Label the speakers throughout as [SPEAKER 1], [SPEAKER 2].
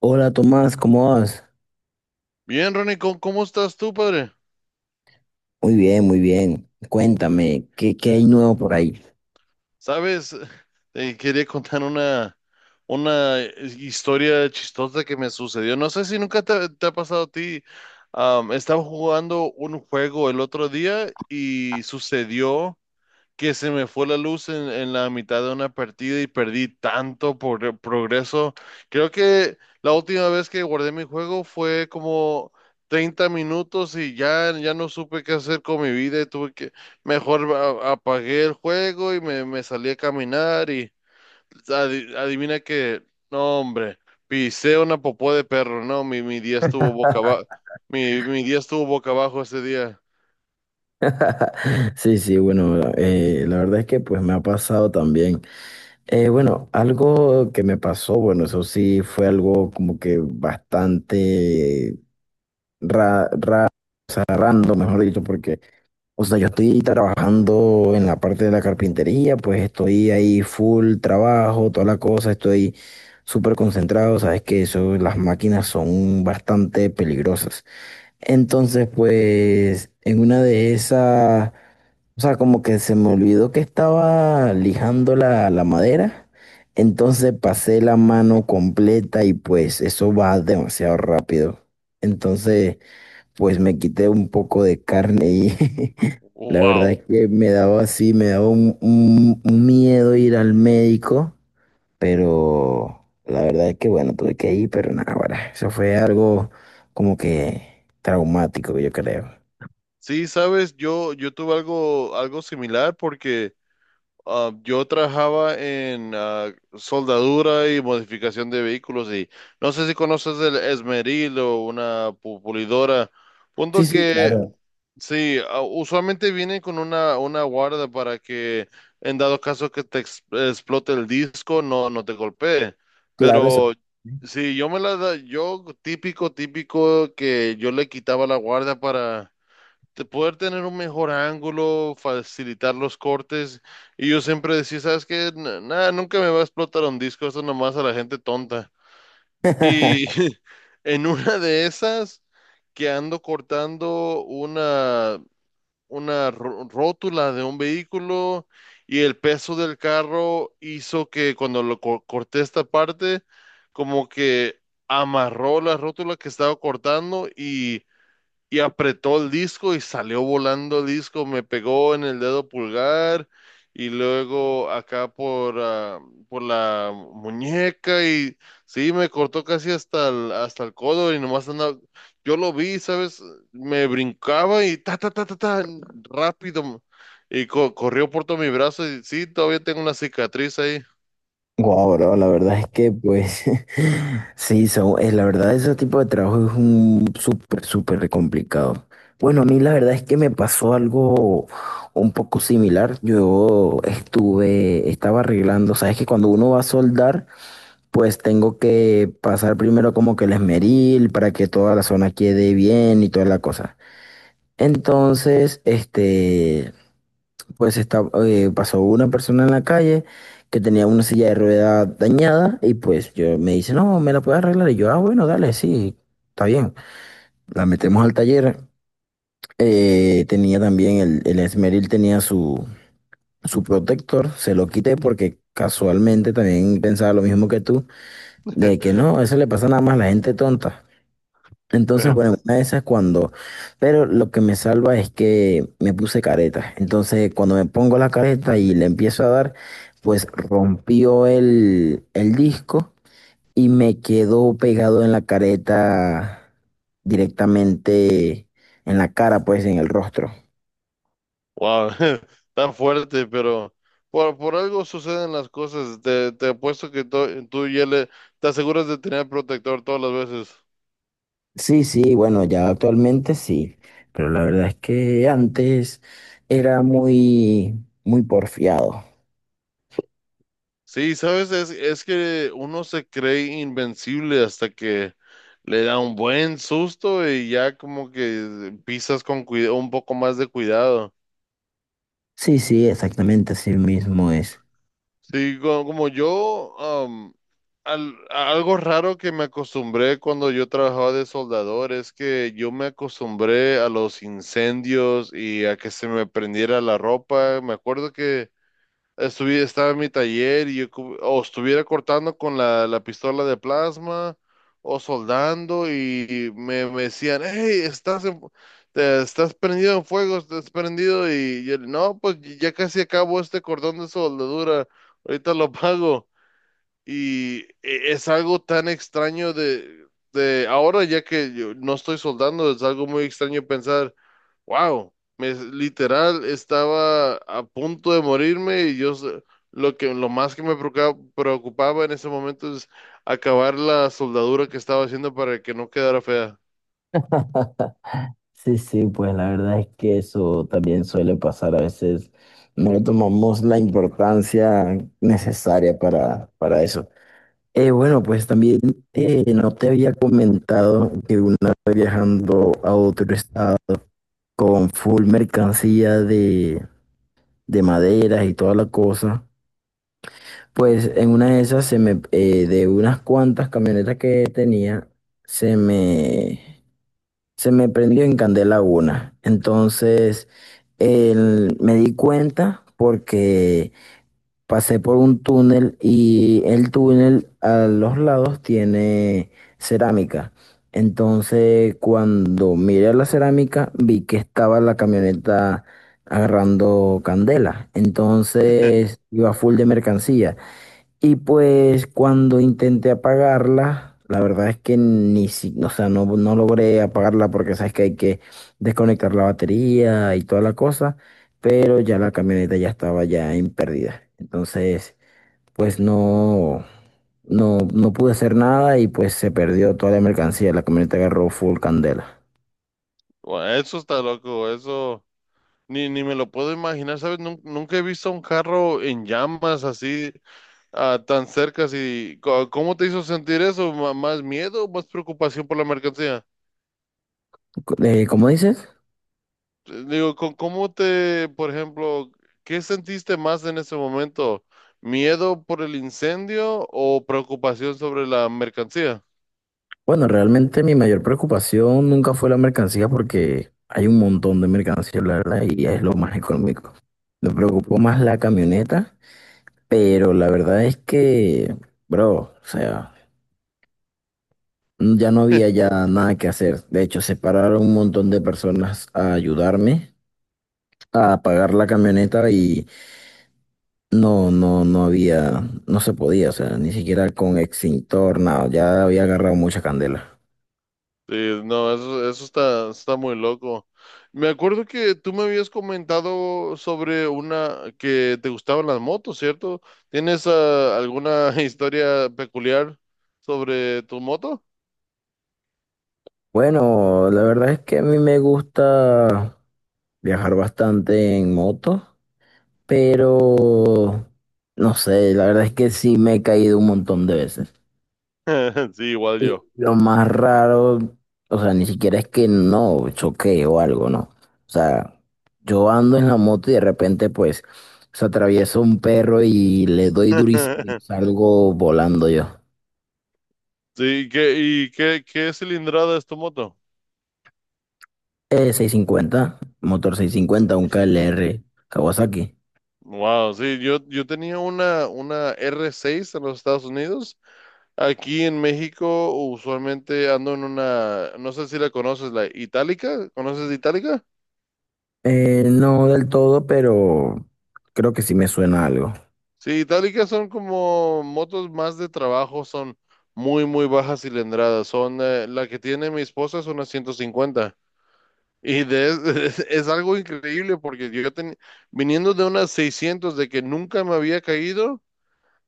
[SPEAKER 1] Hola Tomás, ¿cómo vas?
[SPEAKER 2] Bien, Ronnie, ¿cómo estás tú, padre?
[SPEAKER 1] Muy bien, muy bien. Cuéntame, ¿qué hay nuevo por ahí?
[SPEAKER 2] Sabes, quería contar una, historia chistosa que me sucedió. No sé si nunca te ha pasado a ti. Estaba jugando un juego el otro día y sucedió que se me fue la luz en, la mitad de una partida y perdí tanto por progreso. Creo que la última vez que guardé mi juego fue como 30 minutos y ya no supe qué hacer con mi vida y tuve que, mejor apagué el juego y me salí a caminar y adivina que, no hombre, pisé una popó de perro, no, mi día estuvo boca abajo, mi día estuvo boca abajo ese día.
[SPEAKER 1] Sí, sí, bueno, la verdad es que pues me ha pasado también. Bueno, algo que me pasó, bueno, eso sí fue algo como que bastante ra ra- random, mejor dicho, porque, o sea, yo estoy trabajando en la parte de la carpintería, pues estoy ahí full trabajo, toda la cosa, estoy súper concentrado. Sabes que eso, las máquinas son bastante peligrosas. Entonces, pues en una de esas, o sea, como que se me olvidó que estaba lijando la madera, entonces pasé la mano completa y pues eso va demasiado rápido. Entonces, pues me quité un poco de carne y la verdad
[SPEAKER 2] Wow.
[SPEAKER 1] es que me daba así, me daba un miedo ir al médico, pero la verdad es que bueno, tuve que ir, pero nada, ahora, eso fue algo como que traumático, yo creo.
[SPEAKER 2] Sí, sabes, yo tuve algo similar porque yo trabajaba en soldadura y modificación de vehículos y no sé si conoces el esmeril o una pulidora.
[SPEAKER 1] Sí,
[SPEAKER 2] Punto
[SPEAKER 1] sí,
[SPEAKER 2] que
[SPEAKER 1] claro,
[SPEAKER 2] sí, usualmente vienen con una guarda para que en dado caso que te explote el disco no, no te golpee.
[SPEAKER 1] claro, eso.
[SPEAKER 2] Pero sí, yo me la da, yo típico, típico que yo le quitaba la guarda para de poder tener un mejor ángulo, facilitar los cortes. Y yo siempre decía, ¿sabes qué? Nada, nunca me va a explotar un disco, eso nomás a la gente tonta. Y en una de esas que ando cortando una rótula de un vehículo y el peso del carro hizo que cuando lo corté esta parte, como que amarró la rótula que estaba cortando y apretó el disco y salió volando el disco, me pegó en el dedo pulgar y luego acá por la muñeca y sí, me cortó casi hasta el codo y nomás andaba, yo lo vi, ¿sabes? Me brincaba y ta, ta, ta, ta, ta, rápido y corrió por todo mi brazo y sí, todavía tengo una cicatriz ahí.
[SPEAKER 1] Wow, bro, la verdad es que pues sí, la verdad, ese tipo de trabajo es un súper, súper complicado. Bueno, a mí la verdad es que me pasó algo un poco similar. Yo estuve, estaba arreglando, sabes que cuando uno va a soldar, pues tengo que pasar primero como que el esmeril para que toda la zona quede bien y toda la cosa. Entonces, este, pues está, pasó una persona en la calle que tenía una silla de ruedas dañada y pues yo me dice, no, me la puedes arreglar. Y yo, ah, bueno, dale, sí, está bien. La metemos al taller. Tenía también el esmeril, tenía su, su protector, se lo quité porque casualmente también pensaba lo mismo que tú, de que no, eso le pasa nada más a la gente tonta. Entonces, bueno, una de esas cuando, pero lo que me salva es que me puse careta. Entonces, cuando me pongo la careta y le empiezo a dar, pues rompió el disco y me quedó pegado en la careta directamente en la cara, pues en el rostro.
[SPEAKER 2] Wow, tan fuerte, pero por algo suceden las cosas. Te apuesto que tú ya le te aseguras de tener protector todas las veces.
[SPEAKER 1] Sí, sí, bueno, ya actualmente sí, pero la verdad es que antes era muy, muy porfiado.
[SPEAKER 2] Sí, sabes, es que uno se cree invencible hasta que le da un buen susto y ya como que pisas con un poco más de cuidado.
[SPEAKER 1] Sí, sí, exactamente así mismo es.
[SPEAKER 2] Sí, como, yo, a algo raro que me acostumbré cuando yo trabajaba de soldador es que yo me acostumbré a los incendios y a que se me prendiera la ropa. Me acuerdo que estaba en mi taller y yo o estuviera cortando con la pistola de plasma o soldando y me decían, hey, estás prendido en fuego, estás prendido y yo, no, pues ya casi acabo este cordón de soldadura, ahorita lo pago. Y es algo tan extraño de ahora, ya que yo no estoy soldando, es algo muy extraño pensar. Wow, literal estaba a punto de morirme y yo lo más que me preocupaba en ese momento es acabar la soldadura que estaba haciendo para que no quedara fea.
[SPEAKER 1] Sí, sí, pues la verdad es que eso también suele pasar. A veces no le tomamos la importancia necesaria para eso. Bueno, pues también no te había comentado que una vez viajando a otro estado con full mercancía de maderas y toda la cosa, pues en una de esas se me, de unas cuantas camionetas que tenía, se me se me prendió en candela una. Entonces, me di cuenta porque pasé por un túnel y el túnel a los lados tiene cerámica. Entonces, cuando miré la cerámica, vi que estaba la camioneta agarrando candela. Entonces, iba full de mercancía. Y pues cuando intenté apagarla, la verdad es que ni si, o sea, no, no logré apagarla porque sabes que hay que desconectar la batería y toda la cosa, pero ya la camioneta ya estaba ya en pérdida. Entonces, pues no, no, no pude hacer nada y pues se perdió toda la mercancía. La camioneta agarró full candela.
[SPEAKER 2] Bueno, eso está loco, eso ni me lo puedo imaginar, ¿sabes? Nunca he visto un carro en llamas así tan cerca. Así, ¿cómo te hizo sentir eso? ¿Más miedo o más preocupación por la mercancía?
[SPEAKER 1] ¿Cómo dices?
[SPEAKER 2] Digo, ¿ por ejemplo, qué sentiste más en ese momento? ¿Miedo por el incendio o preocupación sobre la mercancía?
[SPEAKER 1] Bueno, realmente mi mayor preocupación nunca fue la mercancía porque hay un montón de mercancía, la verdad, y es lo más económico. Me preocupó más la camioneta, pero la verdad es que, bro, o sea, ya no había ya nada que hacer. De hecho, se pararon un montón de personas a ayudarme a pagar la camioneta y no, no, no había, no se podía, o sea, ni siquiera con extintor, nada, ya había agarrado mucha candela.
[SPEAKER 2] Sí, no, eso está muy loco. Me acuerdo que tú me habías comentado sobre una que te gustaban las motos, ¿cierto? ¿Tienes alguna historia peculiar sobre tu moto?
[SPEAKER 1] Bueno, la verdad es que a mí me gusta viajar bastante en moto, pero no sé, la verdad es que sí me he caído un montón de veces.
[SPEAKER 2] Sí, igual
[SPEAKER 1] Y
[SPEAKER 2] yo.
[SPEAKER 1] lo más raro, o sea, ni siquiera es que no choqué o algo, no. O sea, yo ando en la moto y de repente pues se atraviesa un perro y le doy durísimo y salgo volando yo.
[SPEAKER 2] Sí, ¿qué cilindrada es tu moto?
[SPEAKER 1] 650, motor 650, un KLR Kawasaki.
[SPEAKER 2] Wow, sí, yo tenía una R6 en los Estados Unidos. Aquí en México usualmente ando en una, no sé si la conoces, la Itálica. ¿Conoces Itálica?
[SPEAKER 1] No del todo, pero creo que sí me suena algo.
[SPEAKER 2] Sí, Itálicas son como motos más de trabajo, son muy, muy bajas cilindradas. Son, la que tiene mi esposa es una 150. Y es algo increíble porque yo viniendo de unas 600 de que nunca me había caído,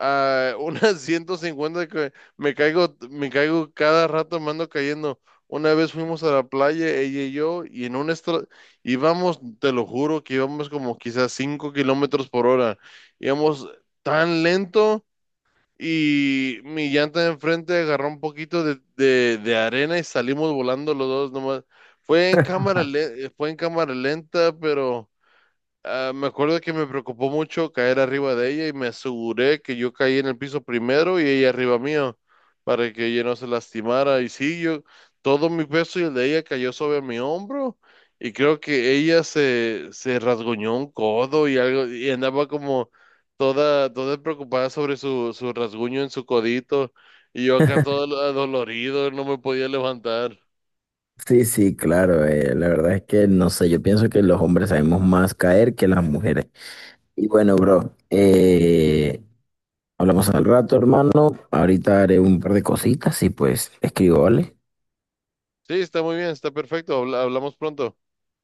[SPEAKER 2] a unas 150 que me caigo cada rato, me ando cayendo. Una vez fuimos a la playa, ella y yo, y íbamos, te lo juro, que íbamos como quizás 5 kilómetros por hora. Íbamos tan lento y mi llanta de enfrente agarró un poquito de arena y salimos volando los dos nomás. Fue en cámara lenta, pero ah, me acuerdo que me preocupó mucho caer arriba de ella y me aseguré que yo caí en el piso primero y ella arriba mío para que ella no se lastimara. Y sí, yo, todo mi peso y el de ella cayó sobre mi hombro y creo que ella se rasguñó un codo y algo y andaba como toda preocupada sobre su rasguño en su codito y yo acá todo adolorido, no me podía levantar.
[SPEAKER 1] Sí, sí, claro. La verdad es que no sé, yo pienso que los hombres sabemos más caer que las mujeres. Y bueno, bro, hablamos al rato, hermano. Ahorita haré un par de cositas y pues te escribo, ¿vale?
[SPEAKER 2] Sí, está muy bien, está perfecto, hablamos pronto.